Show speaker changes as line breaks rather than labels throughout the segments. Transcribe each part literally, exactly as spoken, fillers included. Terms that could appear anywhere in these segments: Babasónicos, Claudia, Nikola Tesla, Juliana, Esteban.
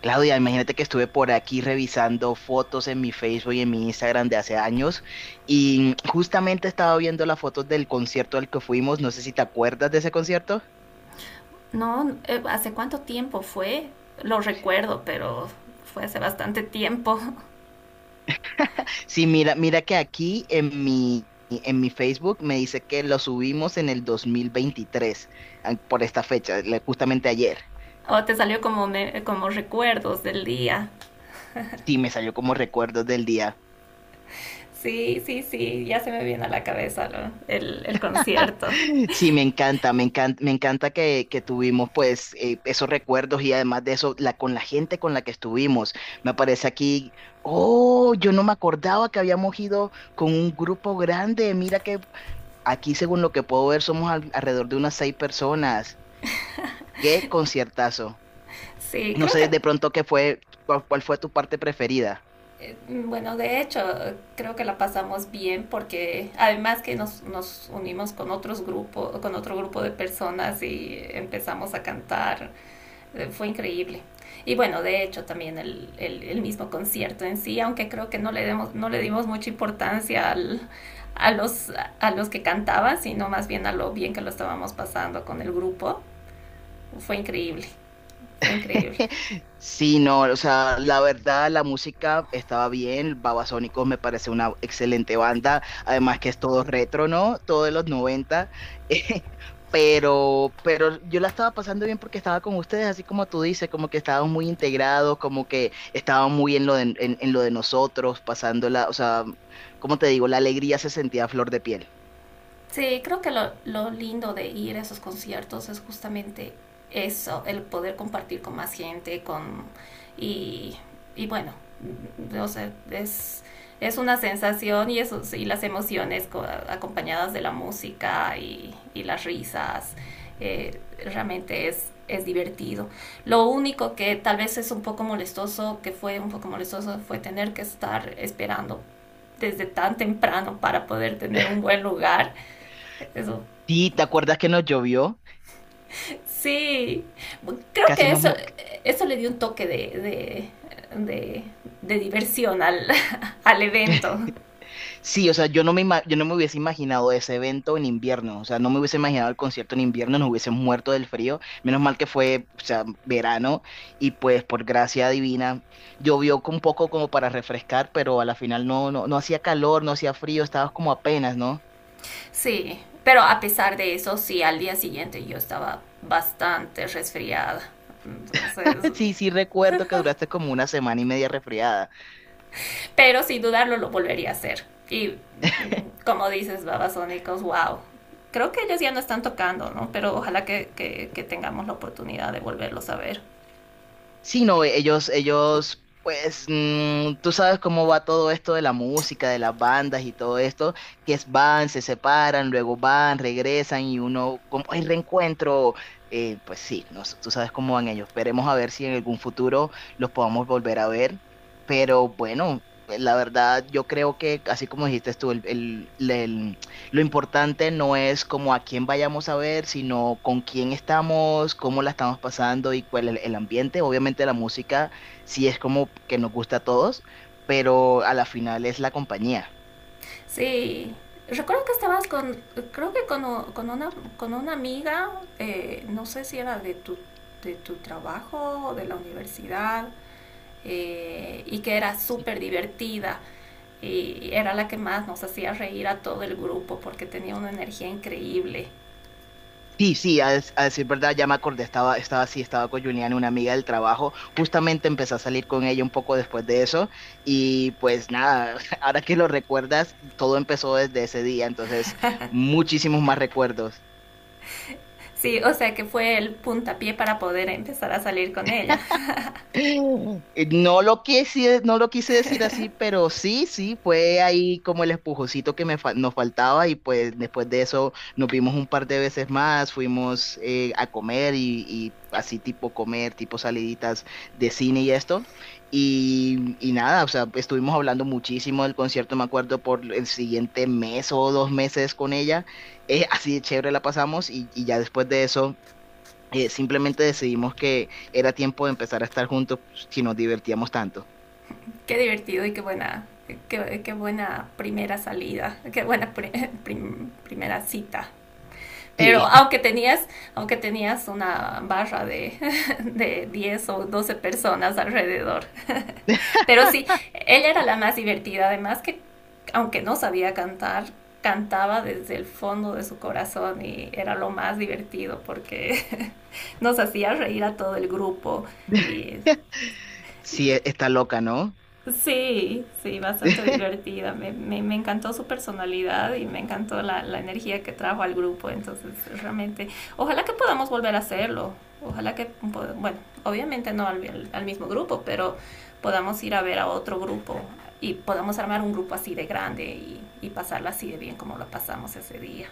Claudia, imagínate que estuve por aquí revisando fotos en mi Facebook y en mi Instagram de hace años y justamente estaba viendo las fotos del concierto al que fuimos. No sé si te acuerdas de ese concierto.
No, eh, ¿hace cuánto tiempo fue? Lo recuerdo, pero fue hace bastante tiempo.
Sí, mira, mira que aquí en mi, en mi Facebook me dice que lo subimos en el dos mil veintitrés, ah, por esta fecha, le- justamente ayer.
O te salió como, me- como recuerdos del día.
Sí, me salió como recuerdos del día.
Sí, sí, sí, ya se me viene a la cabeza lo- el, el concierto.
Sí, me encanta, me encanta, me encanta que, que tuvimos pues eh, esos recuerdos y además de eso, la, con la gente con la que estuvimos. Me aparece aquí, oh, yo no me acordaba que habíamos ido con un grupo grande. Mira que aquí, según lo que puedo ver, somos al- alrededor de unas seis personas. Qué conciertazo.
Sí,
No
creo
sé
que,
de pronto qué fue, cuál, cuál fue tu parte preferida.
eh, bueno, de hecho, creo que la pasamos bien porque además que nos, nos unimos con otros grupos, con otro grupo de personas y empezamos a cantar. Eh, Fue increíble. Y bueno, de hecho también el, el, el mismo concierto en sí, aunque creo que no le, demos, no le dimos mucha importancia al, a, los, a los que cantaban, sino más bien a lo bien que lo estábamos pasando con el grupo, fue increíble, fue increíble.
Sí, no, o sea, la verdad la música estaba bien. Babasónicos me parece una excelente banda, además que es todo retro, ¿no? Todo de los noventa. eh, pero, pero yo la estaba pasando bien porque estaba con ustedes, así como tú dices, como que estaban muy integrados, como que estaban muy en lo de, en, en lo de nosotros, pasándola, o sea, como te digo, la alegría se sentía a flor de piel.
Sí, creo que lo, lo lindo de ir a esos conciertos es justamente eso, el poder compartir con más gente, con y, y bueno, o sea, es, es una sensación y, eso, y las emociones co- acompañadas de la música y, y las risas, eh, realmente es, es divertido. Lo único que tal vez es un poco molestoso, que fue un poco molestoso, fue tener que estar esperando desde tan temprano para poder tener un buen lugar, eso.
Sí, ¿te acuerdas que nos llovió?
Sí. Creo
Casi
que
nos,
eso,
mo-
eso le dio un toque de, de, de, de diversión al, al evento.
Sí, o sea, yo no me, ima- yo no me hubiese imaginado ese evento en invierno, o sea, no me hubiese imaginado el concierto en invierno, nos hubiésemos muerto del frío, menos mal que fue, o sea, verano, y pues por gracia divina llovió un poco como para refrescar, pero a la final no, no, no hacía calor, no hacía frío, estabas como apenas, ¿no?
Sí. Pero a pesar de eso, sí, al día siguiente yo estaba bastante resfriada. Entonces,
Sí, sí recuerdo que duraste como una semana y media resfriada.
pero sin dudarlo lo volvería a hacer. Y como dices, Babasónicos, wow. Creo que ellos ya no están tocando, ¿no? Pero ojalá que, que, que tengamos la oportunidad de volverlos a ver.
Sí, no, e, ellos, ellos, pues, mm, tú sabes cómo va todo esto de la música, de las bandas y todo esto, que es van, se separan, luego van, regresan y uno, como el reencuentro, eh, pues sí, no sé, tú sabes cómo van ellos. Esperemos a ver si en algún futuro los podamos volver a ver, pero bueno, eh, la verdad, yo creo que, así como dijiste tú, el, lo importante no es como a quién vayamos a ver, sino con quién estamos, cómo la estamos pasando y cuál es el ambiente. Obviamente la música sí es como que nos gusta a todos, pero a la final es la compañía.
Sí, recuerdo que estabas con, creo que con, o- con una, con una amiga, eh, no sé si era de tu, de tu trabajo o de la universidad, eh, y que era súper divertida. Y era la que más nos hacía reír a todo el grupo porque tenía una energía increíble.
Sí, sí, a, des- a decir verdad, ya me acordé, estaba, estaba así, estaba con Juliana, una amiga del trabajo, justamente empecé a salir con ella un poco después de eso y pues nada, ahora que lo recuerdas, todo empezó desde ese día, entonces muchísimos más recuerdos.
Sí, o sea que fue el puntapié para poder empezar a salir con ella.
Eh, No lo quise, no lo quise decir así, pero sí, sí, fue ahí como el empujocito que me fa- nos faltaba y pues después de eso nos vimos un par de veces más, fuimos eh, a comer y, y así tipo comer, tipo saliditas de cine y esto. Y, y nada, o sea, estuvimos hablando muchísimo del concierto, me acuerdo, por el siguiente mes o dos meses con ella. Eh, así de chévere la pasamos y, y ya después de eso eh, simplemente decidimos que era tiempo de empezar a estar juntos si nos divertíamos tanto.
Qué divertido y qué buena, qué, qué buena primera salida, qué buena pri- prim- primera cita. Pero
Sí,
aunque tenías, aunque tenías una barra de, de diez o doce personas alrededor. Pero sí, ella era la más divertida, además que aunque no sabía cantar, cantaba desde el fondo de su corazón y era lo más divertido porque nos hacía reír a todo el grupo y...
sí, e- está loca, ¿no?
Sí, sí, bastante divertida. Me, me, me encantó su personalidad y me encantó la, la energía que trajo al grupo. Entonces, realmente, ojalá que podamos volver a hacerlo. Ojalá que, pod- bueno, obviamente no al, al al mismo grupo, pero podamos ir a ver a otro grupo y podamos armar un grupo así de grande y, y pasarla así de bien como lo pasamos ese día.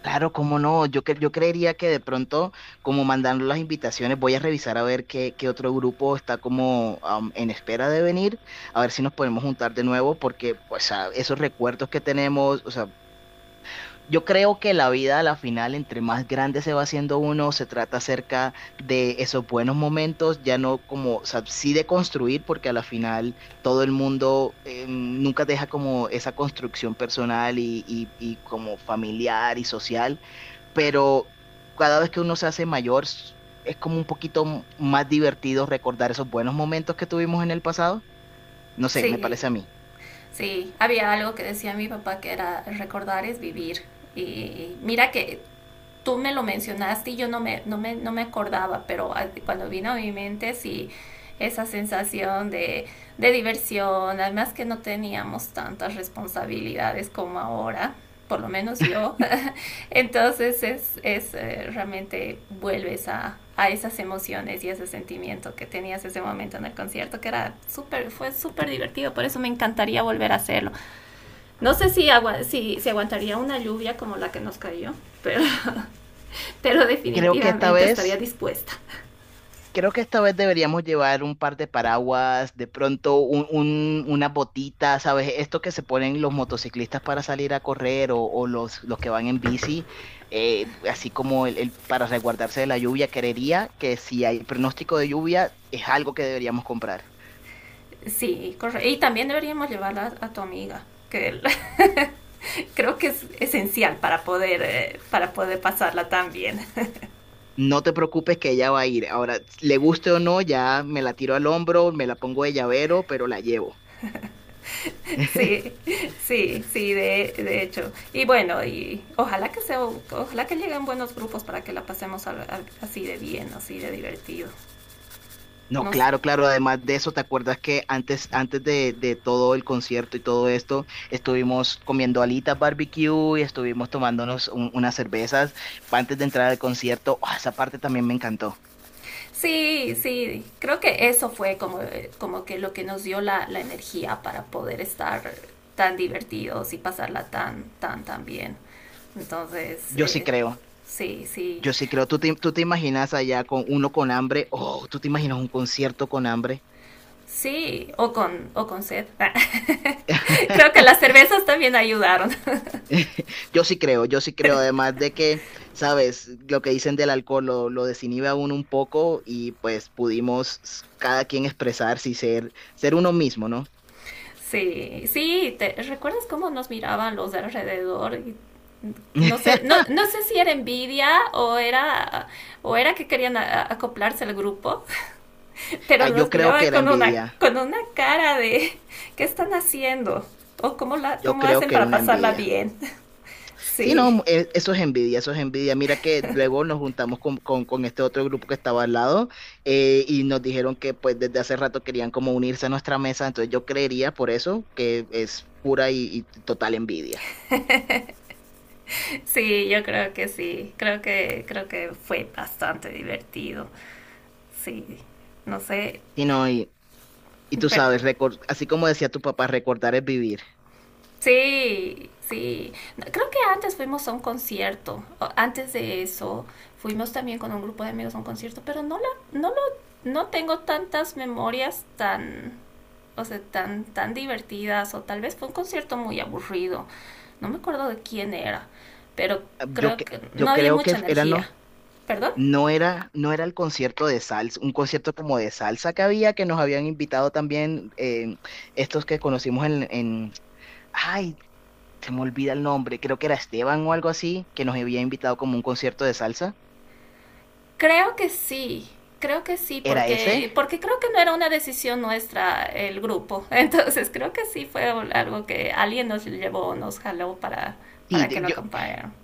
Claro, cómo no. Yo, cre- yo creería que de pronto, como mandando las invitaciones, voy a revisar a ver qué, qué otro grupo está como am, en espera de venir, a ver si nos podemos juntar de nuevo, porque pues, a- esos recuerdos que tenemos, o sea, yo creo que la vida a la final, entre más grande se va haciendo uno, se trata acerca de esos buenos momentos, ya no como, o sea, sí de construir, porque a la final todo el mundo eh, nunca deja como esa construcción personal y, y, y como familiar y social, pero cada vez que uno se hace mayor, s- es como un poquito m- más divertido recordar esos buenos momentos que tuvimos en el pasado. No sé, me
Sí,
parece a mí.
sí, había algo que decía mi papá que era: recordar es vivir. Y mira que tú me lo mencionaste y yo no me, no me, no me acordaba, pero cuando vino a mi mente sí, esa sensación de, de diversión, además que no teníamos tantas responsabilidades como ahora, por lo menos yo, entonces es, es eh, realmente vuelves a, a esas emociones y ese sentimiento que tenías ese momento en el concierto, que era súper, fue súper divertido, por eso me encantaría volver a hacerlo. No sé si, agua si, si aguantaría una lluvia como la que nos cayó, pero pero
Creo que esta
definitivamente estaría
vez...
dispuesta.
Creo que esta vez deberíamos llevar un par de paraguas, de pronto un, un- unas botitas, ¿sabes? Esto que se ponen los motociclistas para salir a correr o, o los, los que van en bici, eh, así como el, el- para resguardarse de la lluvia. Creería que si hay pronóstico de lluvia, es algo que deberíamos comprar.
Sí, correcto. Y también deberíamos llevarla a tu amiga, que creo que es esencial para poder, eh, para poder pasarla tan bien.
No te preocupes que ella va a ir. Ahora, le guste o no, ya me la tiro al hombro, me la pongo de llavero, pero la llevo.
Sí, sí, sí, de, de hecho. Y bueno, y ojalá que sea, ojalá que lleguen buenos grupos para que la pasemos al- al- así de bien, así de divertido.
No,
Nos,
claro, claro. Además de eso, ¿te acuerdas que antes, antes de, de todo el concierto y todo esto, estuvimos comiendo alitas barbecue y estuvimos tomándonos un- unas cervezas antes de entrar al concierto? Ah, esa parte también me encantó.
sí, sí, creo que eso fue como, como que lo que nos dio la, la energía para poder estar tan divertidos y pasarla tan, tan, tan bien. Entonces,
Yo sí
eh,
creo,
sí, sí,
yo sí creo. ¿Tú te, tú te imaginas allá con uno con hambre? Oh, ¿tú te imaginas un concierto con hambre?
sí, o con, o con sed. Creo que las cervezas también ayudaron.
Yo sí creo, yo sí creo, además de que, sabes, lo que dicen del alcohol lo, lo desinhibe a uno un poco y pues pudimos s- cada quien expresarse y ser, ser uno mismo, ¿no?
Sí, sí, ¿te recuerdas cómo nos miraban los de alrededor? Y no sé, no, no sé si era envidia o era, o era que querían a, a acoplarse al grupo. Pero
Ah, Yo
nos
creo
miraba
que era
con una,
envidia,
con una cara de ¿qué están haciendo? ¿O cómo, la,
yo
cómo
creo
hacen
que
para
una
pasarla
envidia.
bien?
Sí,
Sí,
no, e- eso es envidia, eso es envidia. Mira que luego nos juntamos con, con- con este otro grupo que estaba al lado, eh, y nos dijeron que pues desde hace rato querían como unirse a nuestra mesa, entonces yo creería por eso que es pura y, y total envidia.
sí, yo creo que sí, creo que, creo que fue bastante divertido, sí, no sé,
Sí, no, y Y tú
pero
sabes, recor- así como decía tu papá, recordar es vivir.
sí, sí. No, creo que antes fuimos a un concierto. o- Antes de eso, fuimos también con un grupo de amigos a un concierto, pero no la, no lo, no tengo tantas memorias tan, o sea, tan, tan divertidas, o tal vez fue un concierto muy aburrido. No me acuerdo de quién era, pero
Yo,
creo
que-
que no
yo
había
creo que
mucha
era no,
energía. ¿Perdón?
no era, no era el concierto de salsa, un concierto como de salsa que había, que nos habían invitado también eh, estos que conocimos en, en, ay, se me olvida el nombre, creo que era Esteban o algo así, que nos había invitado como un concierto de salsa.
Creo que sí, creo que sí,
¿Era ese?
porque, porque creo que no era una decisión nuestra el grupo. Entonces creo que sí fue algo que alguien nos llevó, nos jaló para,
Sí,
para
de-
que lo
yo,
acompañaran.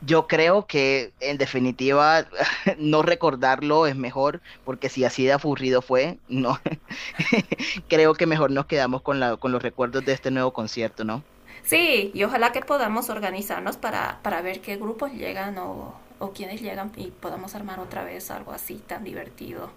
yo creo que en definitiva no recordarlo es mejor, porque si así de aburrido fue, no. Creo que mejor nos quedamos con la, con los recuerdos de este nuevo concierto, ¿no?
Sí, y ojalá que podamos organizarnos para, para ver qué grupos llegan o, o quiénes llegan y podamos armar otra vez algo así tan divertido.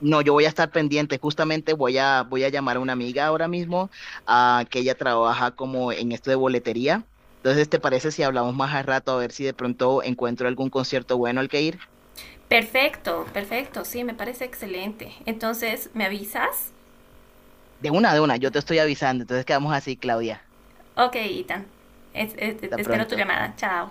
No, yo voy a estar pendiente. Justamente voy a, voy a llamar a una amiga ahora mismo, ah, que ella trabaja como en esto de boletería. Entonces, ¿te parece si hablamos más al rato a ver si de pronto encuentro algún concierto bueno al que ir?
Perfecto, perfecto, sí, me parece excelente. Entonces, ¿me avisas?
De una, de una, yo te estoy avisando. Entonces quedamos así, Claudia.
Ok, Ethan. Es- es-
Hasta
espero tu
pronto.
llamada. Chao.